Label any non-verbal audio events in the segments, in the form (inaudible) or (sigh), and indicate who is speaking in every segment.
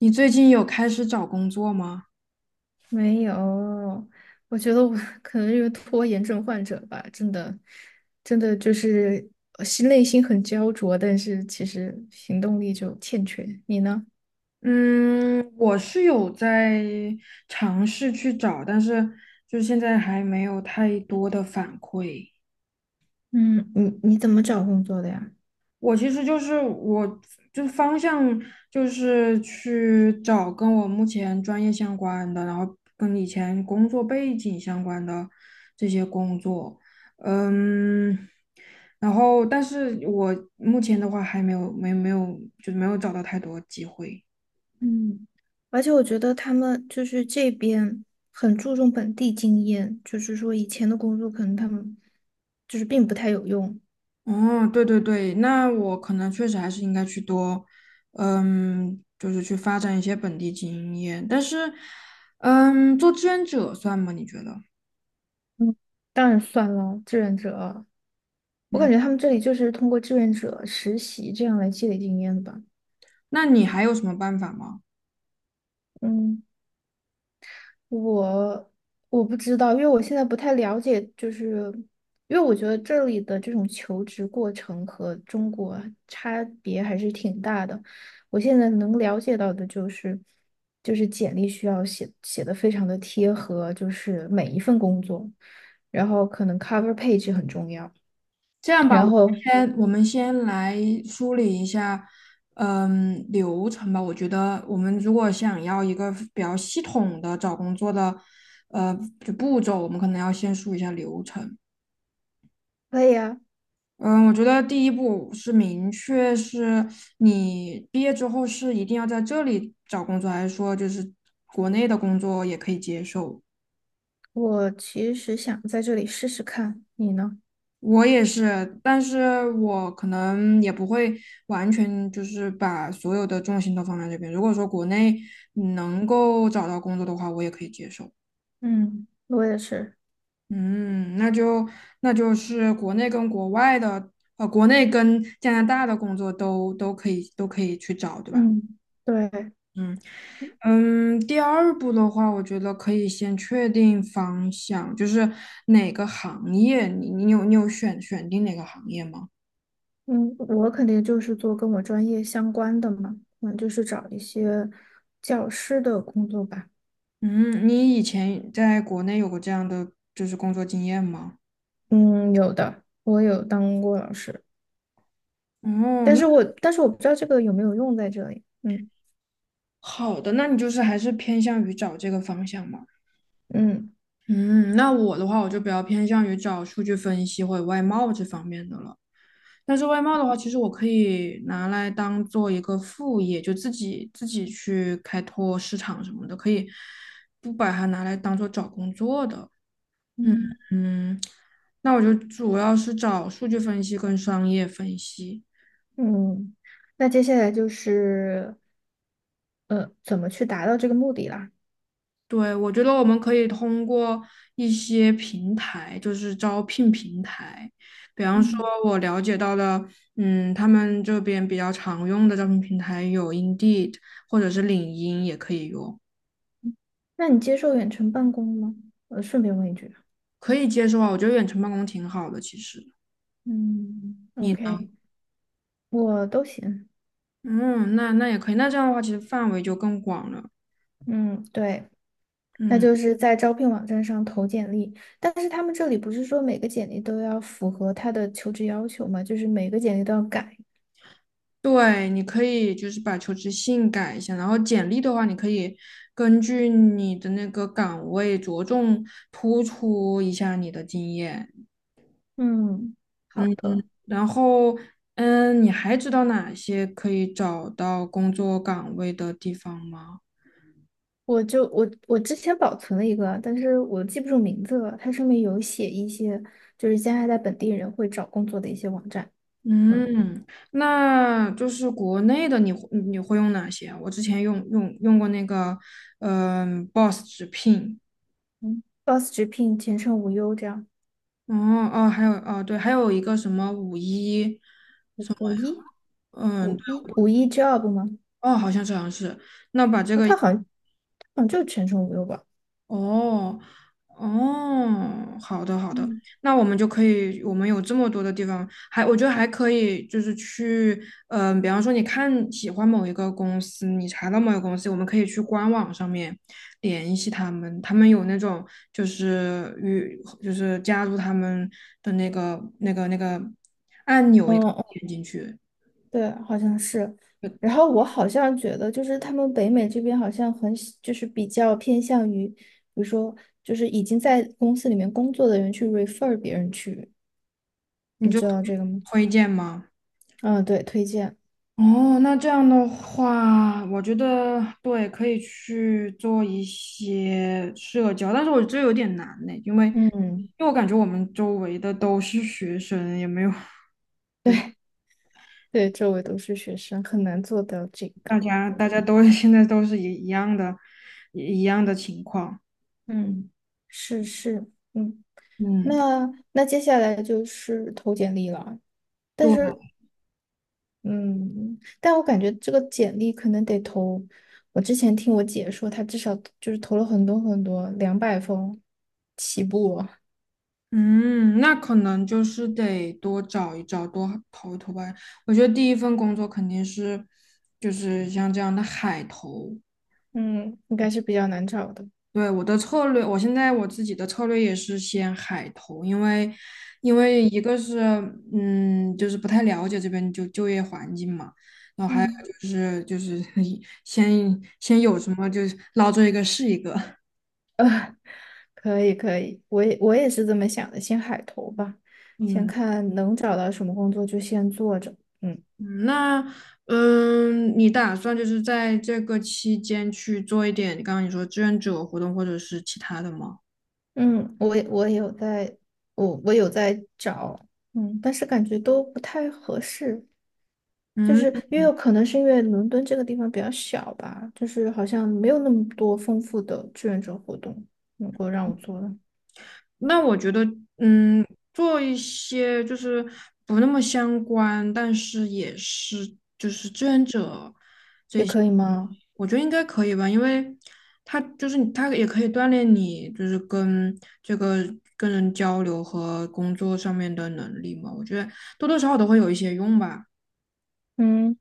Speaker 1: 你最近有开始找工作吗？
Speaker 2: 没有，我觉得我可能是拖延症患者吧，真的，真的就是心很焦灼，但是其实行动力就欠缺。你呢？
Speaker 1: 嗯，我是有在尝试去找，但是就现在还没有太多的反馈。
Speaker 2: 嗯，你怎么找工作的呀？
Speaker 1: 我其实就是我就方向就是去找跟我目前专业相关的，然后跟以前工作背景相关的这些工作。嗯，然后但是我目前的话还没有没没有就没有找到太多机会。
Speaker 2: 嗯，而且我觉得他们就是这边很注重本地经验，就是说以前的工作可能他们就是并不太有用。
Speaker 1: 哦，对对对，那我可能确实还是应该去多，就是去发展一些本地经验。但是，做志愿者算吗？你觉得？
Speaker 2: 嗯，当然算了，志愿者啊，我
Speaker 1: 嗯，
Speaker 2: 感觉他们这里就是通过志愿者实习这样来积累经验的吧。
Speaker 1: 那你还有什么办法吗？
Speaker 2: 嗯，我我不知道，因为我现在不太了解，就是因为我觉得这里的这种求职过程和中国差别还是挺大的。我现在能了解到的就是，就是简历需要写的非常的贴合，就是每一份工作，然后可能 cover page 很重要。
Speaker 1: 这样吧，我
Speaker 2: 然
Speaker 1: 们
Speaker 2: 后
Speaker 1: 先我们先来梳理一下，流程吧。我觉得我们如果想要一个比较系统的找工作的，呃，就步骤，我们可能要先梳理一下流程。
Speaker 2: 可以啊，
Speaker 1: 嗯，我觉得第一步是明确是你毕业之后是一定要在这里找工作，还是说就是国内的工作也可以接受？
Speaker 2: 我其实想在这里试试看，你呢？
Speaker 1: 我也是，但是我可能也不会完全就是把所有的重心都放在这边。如果说国内能够找到工作的话，我也可以接受。
Speaker 2: 嗯，我也是。
Speaker 1: 嗯，那就那就是国内跟国外的，国内跟加拿大的工作都可以去找，对吧？
Speaker 2: 嗯，对。
Speaker 1: 嗯。第二步的话，我觉得可以先确定方向，就是哪个行业，你有选定哪个行业吗？
Speaker 2: 嗯，我肯定就是做跟我专业相关的嘛，嗯，就是找一些教师的工作吧。
Speaker 1: 嗯，你以前在国内有过这样的就是工作经验吗？
Speaker 2: 嗯，有的，我有当过老师，
Speaker 1: 哦，
Speaker 2: 但
Speaker 1: 那
Speaker 2: 是我但是我不知道这个有没有用在这里。嗯
Speaker 1: 好的，那你就是还是偏向于找这个方向嘛？
Speaker 2: 嗯
Speaker 1: 嗯，那我的话，我就比较偏向于找数据分析或者外贸这方面的了。但是外贸的话，其实我可以拿来当做一个副业，就自己去开拓市场什么的，可以不把它拿来当做找工作的。嗯
Speaker 2: 嗯，
Speaker 1: 嗯，那我就主要是找数据分析跟商业分析。
Speaker 2: 嗯，那接下来就是怎么去达到这个目的啦？
Speaker 1: 对，我觉得我们可以通过一些平台，就是招聘平台，比方说
Speaker 2: 嗯
Speaker 1: 我了解到的，他们这边比较常用的招聘平台有 Indeed 或者是领英也可以用。
Speaker 2: 那你接受远程办公吗？顺便问一句
Speaker 1: 可以接受啊，我觉得远程办公挺好的，其实。
Speaker 2: 嗯
Speaker 1: 你呢？
Speaker 2: ，OK，我都行。
Speaker 1: 嗯，那也可以，那这样的话，其实范围就更广了。
Speaker 2: 嗯，对。那
Speaker 1: 嗯，
Speaker 2: 就是在招聘网站上投简历，但是他们这里不是说每个简历都要符合他的求职要求吗？就是每个简历都要改。
Speaker 1: 对，你可以就是把求职信改一下，然后简历的话，你可以根据你的那个岗位着重突出一下你的经验。
Speaker 2: 嗯，好
Speaker 1: 嗯，
Speaker 2: 的，
Speaker 1: 然后你还知道哪些可以找到工作岗位的地方吗？
Speaker 2: 我就我我之前保存了一个，但是我记不住名字了。它上面有写一些就是加拿大本地人会找工作的一些网站，嗯
Speaker 1: 嗯，那就是国内的你会用哪些啊我之前用过那个，Boss 直聘，
Speaker 2: 嗯，Boss 直聘、前程无忧这样，
Speaker 1: 哦哦，还有哦对，还有一个什么五一，
Speaker 2: 五五一
Speaker 1: 嗯，对
Speaker 2: 五一五一 Job 吗？
Speaker 1: 哦，好像是，那把这
Speaker 2: 啊，
Speaker 1: 个
Speaker 2: 它好像就是前程无忧吧？
Speaker 1: 哦，哦，好的好的，
Speaker 2: 嗯。
Speaker 1: 那我们就可以，我们有这么多的地方，还我觉得还可以，就是去，比方说你看喜欢某一个公司，你查到某一个公司，我们可以去官网上面联系他们，他们有那种就是与就是加入他们的那个
Speaker 2: 嗯哦嗯
Speaker 1: 点进去，
Speaker 2: 对，好像是。然后我好像觉得，就是他们北美这边好像很喜就是比较偏向于，比如说，就是已经在公司里面工作的人去 refer 别人去，
Speaker 1: 你
Speaker 2: 你
Speaker 1: 就
Speaker 2: 知道这个吗？
Speaker 1: 推荐吗？
Speaker 2: 嗯，对，推荐。
Speaker 1: 哦，那这样的话，我觉得对，可以去做一些社交，但是我这有点难呢，因为因
Speaker 2: 嗯，
Speaker 1: 为我感觉我们周围的都是学生，也没有，对，
Speaker 2: 对，周围都是学生，很难做到这
Speaker 1: 大
Speaker 2: 个。
Speaker 1: 家大家都 (laughs) 现在都是一样的，一样的情况。
Speaker 2: 嗯，是是，嗯，
Speaker 1: 嗯，
Speaker 2: 那接下来就是投简历了。但
Speaker 1: 对，
Speaker 2: 是嗯，但我感觉这个简历可能得投。我之前听我姐说，她至少就是投了很多，200封起步哦。
Speaker 1: 嗯，那可能就是得多找一找，多投一投吧。我觉得第一份工作肯定是就是像这样的海投。
Speaker 2: 嗯，应该是比较难找的。
Speaker 1: 对，我的策略，我现在我自己的策略也是先海投，因为一个是就是不太了解这边就业环境嘛，然后还有
Speaker 2: 嗯，
Speaker 1: 就是 (laughs) 先有什么就是捞着一个是一个，
Speaker 2: (laughs) 呃，可以，我也是这么想的，先海投吧，先
Speaker 1: 嗯
Speaker 2: 看能找到什么工作就先做着。嗯。
Speaker 1: 嗯，那你打算就是在这个期间去做一点，刚刚你说志愿者活动或者是其他的吗？
Speaker 2: 嗯，我也有在，我有在找，嗯，但是感觉都不太合适，就是
Speaker 1: 嗯。
Speaker 2: 因为有可能是因为伦敦这个地方比较小吧，就是好像没有那么多丰富的志愿者活动能够让我做的，
Speaker 1: 那我觉得，嗯，做一些就是不那么相关，但是也是就是志愿者，
Speaker 2: 也可以吗？
Speaker 1: 我觉得应该可以吧，因为他就是你他也可以锻炼你，就是跟这个跟人交流和工作上面的能力嘛，我觉得多多少少都会有一些用吧。
Speaker 2: 嗯，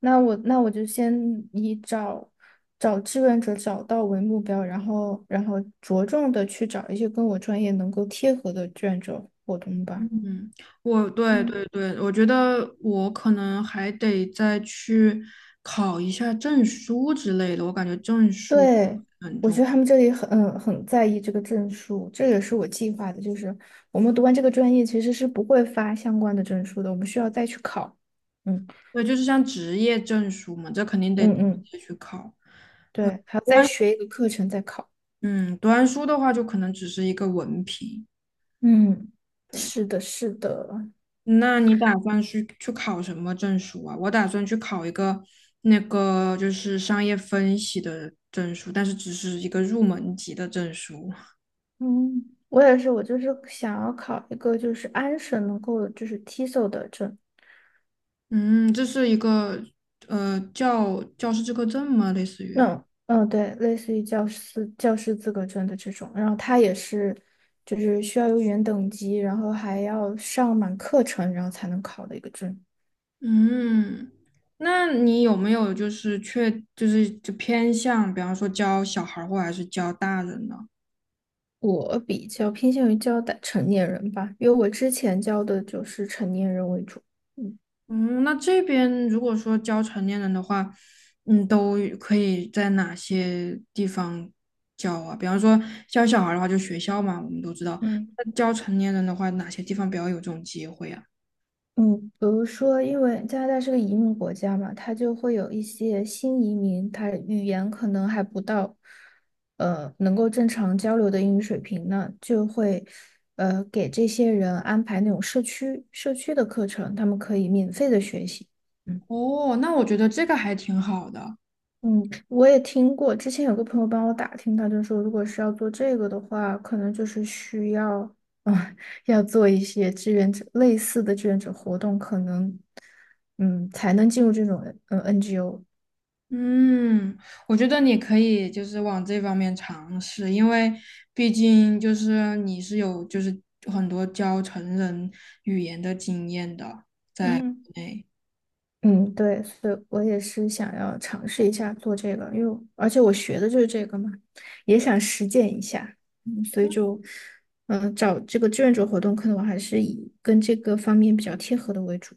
Speaker 2: 那我就先以找志愿者找到为目标，然后着重的去找一些跟我专业能够贴合的志愿者活动吧。
Speaker 1: 嗯，对
Speaker 2: 嗯。
Speaker 1: 对对，我觉得我可能还得再去考一下证书之类的，我感觉证书。
Speaker 2: 对，我觉得他们这里很在意这个证书，这也是我计划的，就是我们读完这个专业其实是不会发相关的证书的，我们需要再去考。嗯
Speaker 1: 对，就是像职业证书嘛，这肯定得直
Speaker 2: 嗯嗯，
Speaker 1: 接去考。
Speaker 2: 对，还要
Speaker 1: 读
Speaker 2: 再
Speaker 1: 完，
Speaker 2: 学一个课程再考。
Speaker 1: 嗯，读完书的话，就可能只是一个文凭。
Speaker 2: 嗯，
Speaker 1: 对，
Speaker 2: 是的，是的，
Speaker 1: 那你打算去考什么证书啊？我打算去考一个就是商业分析的证书，但是只是一个入门级的证书。(laughs)
Speaker 2: 嗯，我也是，我就是想要考一个就是安省能够就是 TESOL 的证，
Speaker 1: 嗯，这是一个呃教教师资格证吗？类似于。
Speaker 2: 嗯嗯，对，类似于教师资格证的这种，然后它也是，就是需要有语言等级，然后还要上满课程，然后才能考的一个证。
Speaker 1: 嗯，那你有没有就是确就是就偏向，比方说教小孩儿或还是教大人呢？
Speaker 2: 我比较偏向于教的成年人吧，因为我之前教的就是成年人为主。嗯。
Speaker 1: 嗯，那这边如果说教成年人的话，都可以在哪些地方教啊？比方说教小孩儿的话，就学校嘛，我们都知道。
Speaker 2: 嗯。
Speaker 1: 那教成年人的话，哪些地方比较有这种机会啊？
Speaker 2: 嗯，比如说，因为加拿大是个移民国家嘛，它就会有一些新移民，他语言可能还不到，能够正常交流的英语水平呢，就会，给这些人安排那种社区的课程，他们可以免费的学习。嗯。
Speaker 1: 哦，那我觉得这个还挺好的。
Speaker 2: 嗯，我也听过，之前有个朋友帮我打听，他就说，如果是要做这个的话，可能就是需要，啊、(laughs) 要做一些志愿者类似的志愿者活动，可能，嗯，才能进入这种NGO。
Speaker 1: 嗯，我觉得你可以就是往这方面尝试，因为毕竟就是你是有就是很多教成人语言的经验的，在
Speaker 2: 嗯
Speaker 1: 国内。
Speaker 2: 嗯，对，所以我也是想要尝试一下做这个，因为而且我学的就是这个嘛，也想实践一下，嗯，所以就，嗯、找这个志愿者活动，可能我还是以跟这个方面比较贴合的为主。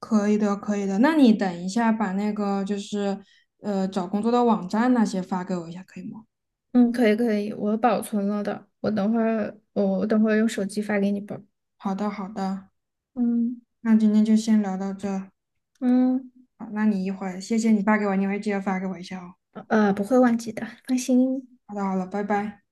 Speaker 1: 可以的，可以的。那你等一下把那个就是找工作的网站那些发给我一下，可以吗？
Speaker 2: 嗯，可以，我保存了的，我等会儿用手机发给你吧。
Speaker 1: 好的，好的。
Speaker 2: 嗯
Speaker 1: 那今天就先聊到这。
Speaker 2: 嗯，
Speaker 1: 好，那你一会儿谢谢你发给我，你一会儿记得发给我一下哦。
Speaker 2: 不会忘记的，放心，
Speaker 1: 好的，好了，拜拜。